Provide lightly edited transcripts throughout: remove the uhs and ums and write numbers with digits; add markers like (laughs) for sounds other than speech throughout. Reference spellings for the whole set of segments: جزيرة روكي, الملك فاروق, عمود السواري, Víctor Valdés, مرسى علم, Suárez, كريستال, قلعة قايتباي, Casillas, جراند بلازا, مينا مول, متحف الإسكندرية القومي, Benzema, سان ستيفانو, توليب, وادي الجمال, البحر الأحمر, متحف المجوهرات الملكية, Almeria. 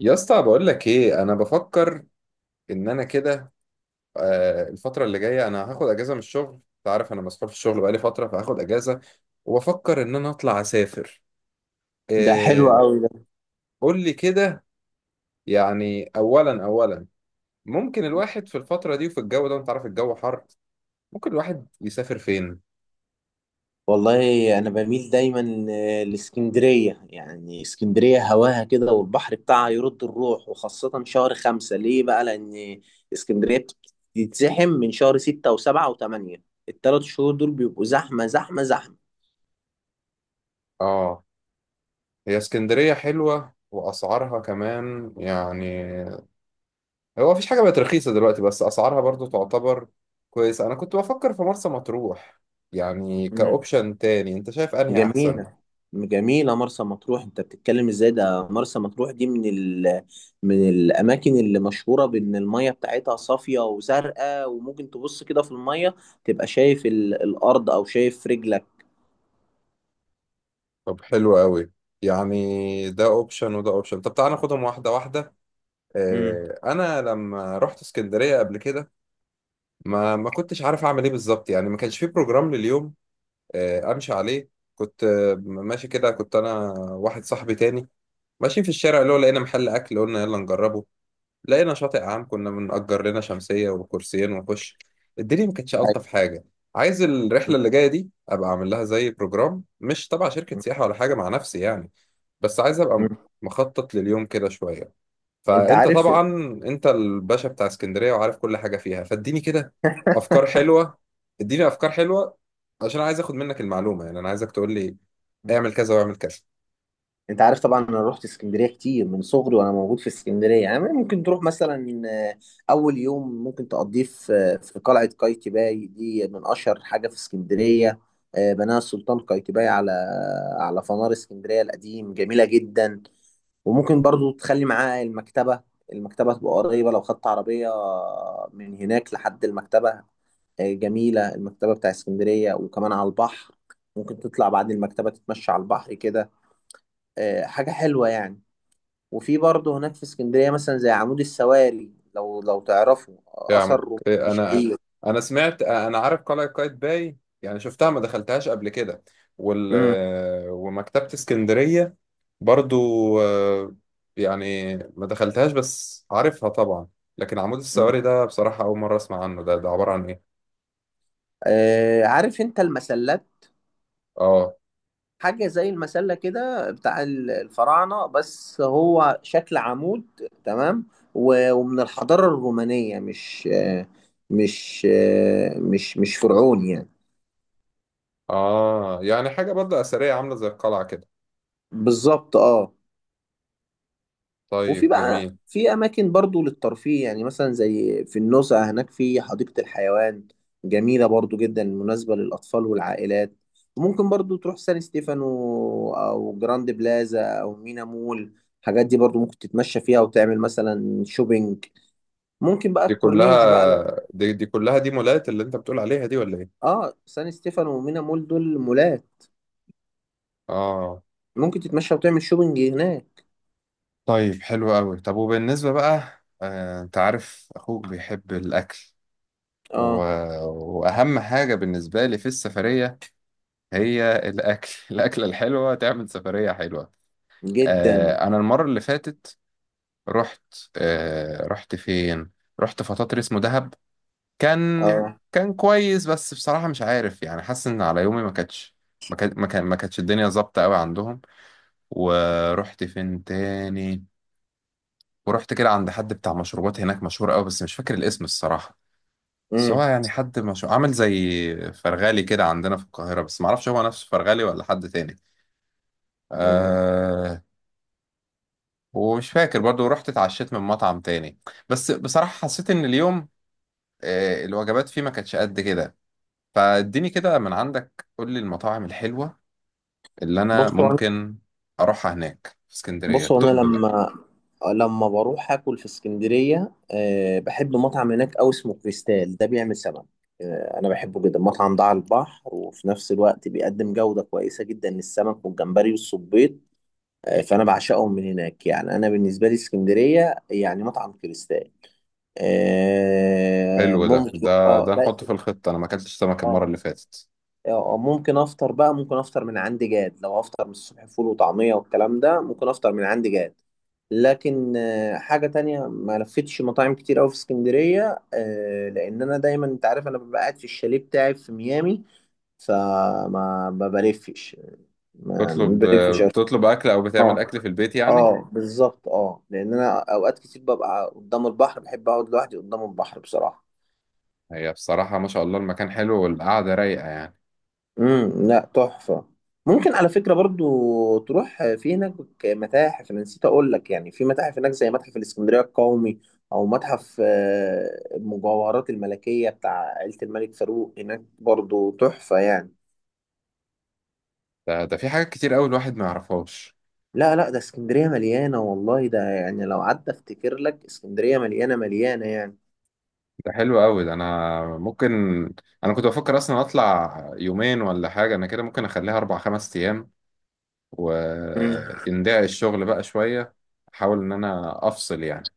يا اسطى بقول لك ايه انا بفكر ان انا كده. الفتره اللي جايه انا هاخد اجازه من الشغل، انت عارف انا مسحول في الشغل بقالي فتره، فهاخد اجازه وبفكر ان انا اطلع اسافر. ده حلو إيه؟ قوي ده. قول لي كده. يعني اولا اولا، ممكن الواحد في الفتره دي وفي الجو ده، انت عارف الجو حر، ممكن الواحد يسافر فين؟ والله انا بميل دايما لاسكندريه، يعني اسكندريه هواها كده والبحر بتاعها يرد الروح، وخاصه شهر 5. ليه بقى؟ لان اسكندريه بتتزحم من شهر 6 و7 و8. ال3 شهور دول بيبقوا زحمه زحمه زحمه. اه، هي اسكندريه حلوه واسعارها كمان يعني، هو مفيش حاجة بقت رخيصة دلوقتي بس أسعارها برضو تعتبر كويسة. أنا كنت بفكر في مرسى مطروح يعني كأوبشن تاني، أنت شايف أنهي أحسن؟ جميلة، جميلة مرسى مطروح، انت بتتكلم ازاي؟ ده مرسى مطروح دي من الاماكن اللي مشهورة بان المية بتاعتها صافية وزرقاء، وممكن تبص كده في المية تبقى شايف الارض او شايف رجلك. طب حلو قوي، يعني ده أوبشن وده أوبشن، طب تعالى ناخدهم واحدة واحدة. امم. أنا لما رحت اسكندرية قبل كده ما كنتش عارف أعمل إيه بالظبط، يعني ما كانش في بروجرام لليوم أمشي عليه. كنت ماشي كده، كنت أنا واحد صاحبي تاني ماشيين في الشارع، اللي هو لقينا محل أكل قلنا يلا نجربه، لقينا شاطئ عام كنا بنأجر لنا شمسية وكرسيين ونخش. الدنيا ما كانتش أيوة. ألطف حاجة. عايز الرحلة اللي جاية دي أبقى أعمل لها زي بروجرام، مش تبع شركة سياحة ولا حاجة، مع نفسي يعني، بس عايز أبقى مم. مخطط لليوم كده شوية. انت فأنت عارف. طبعا أنت الباشا بتاع اسكندرية وعارف كل حاجة فيها، فاديني كده أفكار (laughs) حلوة، اديني أفكار حلوة، عشان عايز أخد منك المعلومة، يعني أنا عايزك تقول لي اعمل كذا واعمل كذا. انت عارف طبعا، انا رحت اسكندريه كتير من صغري وانا موجود في اسكندريه. يعني ممكن تروح مثلا، اول يوم ممكن تقضيه في، في قلعه قايتباي، دي من اشهر حاجه في اسكندريه. بناها السلطان قايتباي على فنار اسكندريه القديم. جميله جدا. وممكن برضو تخلي معاه المكتبه. المكتبه تبقى قريبه لو خدت عربيه من هناك لحد المكتبه. جميله المكتبه بتاع اسكندريه، وكمان على البحر. ممكن تطلع بعد المكتبه تتمشى على البحر كده. حاجة حلوة يعني. وفي برضه هناك في اسكندرية مثلا زي عمود السواري، لو تعرفه، يا أثر عم روماني إيه، انا شهير. انا سمعت، انا عارف قلعة قايتباي يعني شفتها، ما دخلتهاش قبل كده وال مم. ومكتبة اسكندرية برضو آه، يعني ما دخلتهاش بس عارفها طبعا. لكن عمود مم. السواري ده بصراحة أول مرة أسمع عنه، ده عبارة عن إيه؟ عارف أنت المسلات؟ آه. حاجة زي المسلة كده بتاع الفراعنة، بس هو شكل عمود تمام. ومن الحضارة الرومانية مش آه، مش آه، مش مش فرعوني يعني. آه يعني حاجة برضه أثرية عاملة زي القلعة كده. بالظبط، اه. وفي طيب بقى جميل. في اماكن برضو للترفيه، يعني مثلا زي في النزهة هناك في حديقة الحيوان. جميلة برضو جدا، مناسبة للاطفال والعائلات. وممكن برضو تروح سان ستيفانو او جراند بلازا او مينا مول. الحاجات دي برضو ممكن تتمشى فيها وتعمل مثلا شوبينج. ممكن بقى دي كلها، الكورنيش بقى لو... دي كلها دي مولات اللي أنت بتقول عليها دي ولا إيه؟ اه، سان ستيفانو ومينا مول دول مولات. آه. ممكن تتمشى وتعمل شوبينج هناك. طيب حلو قوي. طب وبالنسبة بقى انت عارف اخوك بيحب الاكل و... اه. واهم حاجة بالنسبة لي في السفرية هي الاكل (laughs) الاكلة الحلوة تعمل سفرية حلوة. جدا. انا المرة اللي فاتت رحت، رحت فين؟ رحت فطاطر اسمه دهب، كان اه. كان كويس بس بصراحة مش عارف يعني، حاسس ان على يومي ما كانتش، ما كانتش الدنيا ظابطة قوي عندهم. ورحت فين تاني؟ ورحت كده عند حد بتاع مشروبات هناك مشهور قوي بس مش فاكر الاسم الصراحة، بس هو امم. يعني حد مش عامل زي فرغالي كده عندنا في القاهرة، بس معرفش هو نفسه فرغالي ولا حد تاني. أه. ومش فاكر برضو رحت اتعشيت من مطعم تاني، بس بصراحة حسيت ان اليوم أه الوجبات فيه ما كانتش قد كده. فاديني كده من عندك، قول لي المطاعم الحلوة اللي انا بصوا. ممكن اروحها هناك في اسكندرية، بص هو انا طب بقى. لما بروح اكل في اسكندريه، بحب مطعم هناك قوي اسمه كريستال، ده بيعمل سمك. انا بحبه جدا، مطعم ده على البحر وفي نفس الوقت بيقدم جوده كويسه جدا للسمك والجمبري والصبيط. فانا بعشقهم من هناك، يعني انا بالنسبه لي اسكندريه يعني مطعم كريستال. حلو ده، ممكن، ده اه، ده ده. نحطه في الخطة، انا ما اكلتش سمك المرة اه. اللي فاتت. ممكن افطر بقى، ممكن افطر من عندي جاد. لو افطر من الصبح فول وطعمية والكلام ده، ممكن افطر من عندي جاد. لكن حاجة تانية، ما لفتش مطاعم كتير أوي في اسكندرية، لأن أنا دايما أنت عارف أنا ببقى قاعد في الشاليه بتاعي في ميامي. فما ما بلفش، ما تطلب، بلفش أوي. بتطلب اكل او بتعمل اه، اكل في البيت يعني. اه، بالظبط، اه، لأن أنا أوقات كتير ببقى قدام البحر، بحب أقعد لوحدي قدام البحر بصراحة. هي بصراحه ما شاء الله المكان حلو والقعده رايقه يعني. لا، تحفة. ممكن، على فكرة، برضو تروح في هناك متاحف. انا نسيت اقول لك، يعني في متاحف هناك زي متحف الاسكندرية القومي، او متحف المجوهرات الملكية بتاع عيلة الملك فاروق، هناك برضو تحفة يعني. ده في حاجات كتير قوي الواحد ما يعرفهاش. لا، لا، ده اسكندرية مليانة والله. ده يعني لو قعدت افتكر لك، اسكندرية مليانة مليانة يعني. ده حلو قوي ده، انا ممكن، انا كنت بفكر اصلا اطلع يومين ولا حاجه، انا كده ممكن اخليها 4 5 ايام، امم. وندعي الشغل بقى شويه، احاول ان انا افصل يعني.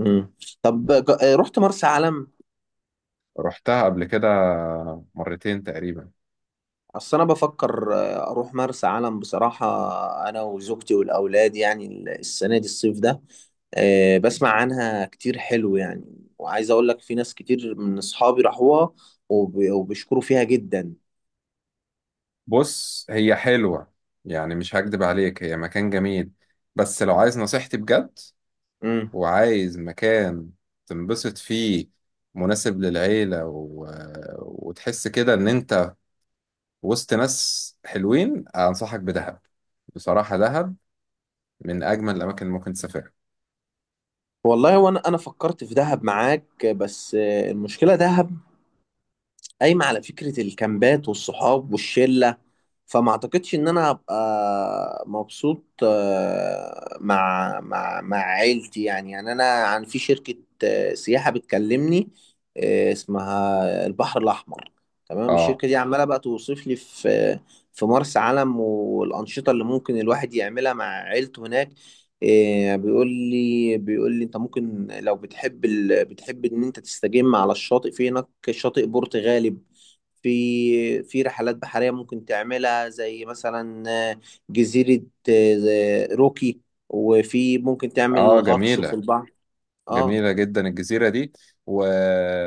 امم. طب، رحت مرسى علم؟ رحتها قبل كده مرتين تقريبا. اصل انا بفكر اروح مرسى علم بصراحه، انا وزوجتي والاولاد يعني، السنه دي الصيف ده. بسمع عنها كتير حلو يعني. وعايز اقول لك، في ناس كتير من اصحابي راحوها وبيشكروا فيها جدا. بص هي حلوه يعني، مش هكدب عليك هي مكان جميل، بس لو عايز نصيحتي بجد امم. وعايز مكان تنبسط فيه، مناسب للعيلة و... وتحس كده إن أنت وسط ناس حلوين، أنصحك بدهب. بصراحة دهب من أجمل الأماكن اللي ممكن تسافرها. والله، وانا فكرت في دهب معاك، بس المشكله دهب قايمه على فكره الكامبات والصحاب والشله، فما اعتقدش ان انا هبقى مبسوط مع عيلتي. يعني انا عن في شركة سياحة بتكلمني، اسمها البحر الاحمر. تمام. آه. الشركة دي عمالة بقى توصف لي في مرسى علم والانشطة اللي ممكن الواحد يعملها مع عيلته هناك. بيقول لي انت ممكن لو بتحب ان انت تستجم على الشاطئ، في هناك شاطئ بورتغالي. في رحلات بحرية ممكن تعملها زي مثلا آه، جزيرة روكي، وفي ممكن آه تعمل غطس في جميلة، البحر. اه. جميلة جدا الجزيرة دي و...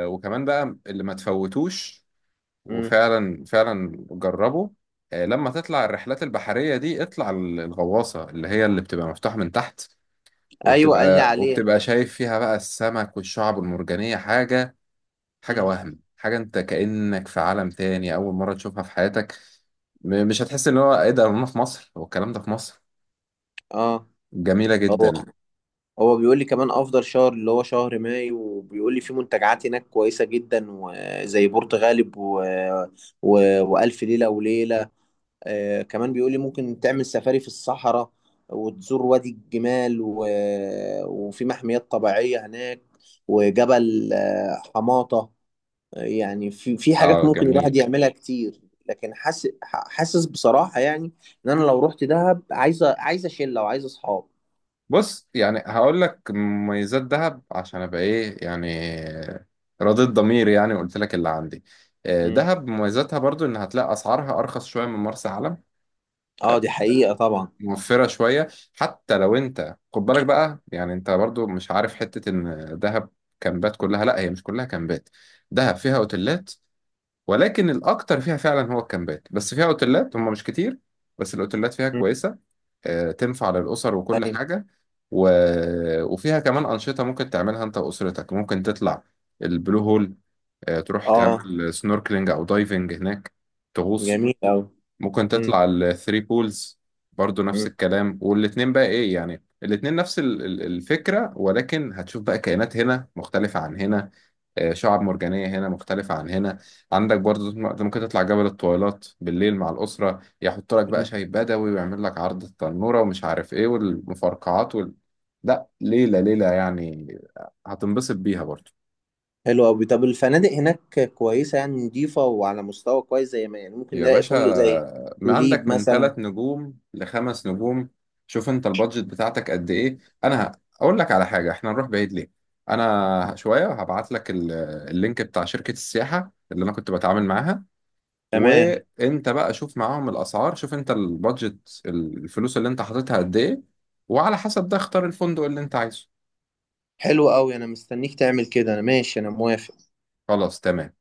وكمان بقى اللي ما تفوتوش، مم. وفعلا فعلا جربه. لما تطلع الرحلات البحرية دي اطلع الغواصة، اللي هي اللي بتبقى مفتوحة من تحت، ايوه، قال لي وبتبقى عليها. شايف فيها بقى السمك والشعب المرجانية، حاجة حاجة مم. وهم، حاجة انت كأنك في عالم تاني، أول مرة تشوفها في حياتك. مش هتحس ان هو ايه ده، انا في مصر؟ هو الكلام ده في مصر؟ اه. جميلة هو جدا. هو بيقول لي كمان افضل شهر اللي هو شهر مايو، وبيقول لي في منتجعات هناك كويسة جدا، وزي برتغالب و... والف ليلة وليلة. كمان بيقول لي ممكن تعمل سفاري في الصحراء، وتزور وادي الجمال وفي محميات طبيعية هناك، وجبل حماطة. يعني في حاجات اه ممكن الواحد جميل. يعملها كتير. لكن حاسس حاسس بصراحة يعني، ان انا لو رحت دهب عايزة شلة وعايزة اصحاب. بص يعني هقول لك مميزات دهب، عشان ابقى ايه يعني رضيت ضميري يعني، وقلت لك اللي عندي. مم. دهب مميزاتها برضو ان هتلاقي اسعارها ارخص شوية من مرسى علم، اه، دي حقيقة طبعا. موفرة شوية. حتى لو انت خد بالك بقى يعني، انت برضو مش عارف، حتة ان دهب كامبات كلها، لا هي مش كلها كامبات، دهب فيها اوتيلات، ولكن الاكتر فيها فعلا هو الكامبات، بس فيها اوتيلات هم مش كتير بس الاوتيلات فيها مم. كويسة. تنفع للاسر وكل أيوة. حاجة و... وفيها كمان انشطة ممكن تعملها انت واسرتك. ممكن تطلع البلو هول، تروح اه، تعمل سنوركلينج او دايفنج هناك، تغوص. جميل أوي. ممكن مم. تطلع الثري بولز برضو نفس الكلام. والاتنين بقى ايه يعني، الاتنين نفس الفكرة، ولكن هتشوف بقى كائنات هنا مختلفة عن هنا، شعاب مرجانية هنا مختلفة عن هنا. عندك برضو ممكن تطلع جبل الطويلات بالليل مع الأسرة، يحط لك بقى مم. شاي بدوي ويعمل لك عرض التنورة ومش عارف ايه، والمفرقعات وال... لا ليلة ليلة يعني، هتنبسط بيها برضو. حلو أوي. طب الفنادق هناك كويسة، يعني نضيفة وعلى مستوى كويس، زي ما يعني ممكن يا نلاقي باشا فندق زي ما توليب عندك من ثلاث مثلا؟ نجوم لخمس نجوم. شوف انت البادجت بتاعتك قد ايه. انا ه- اقول لك على حاجه، احنا نروح بعيد ليه؟ انا شويه هبعت لك اللينك بتاع شركه السياحه اللي انا كنت بتعامل معاها، تمام. وانت بقى شوف معاهم الاسعار، شوف انت البادجت، الفلوس اللي انت حاططها قد ايه، وعلى حسب ده اختار الفندق اللي انت عايزه. حلو أوي، أنا مستنيك تعمل كده. أنا ماشي، أنا موافق. خلاص تمام.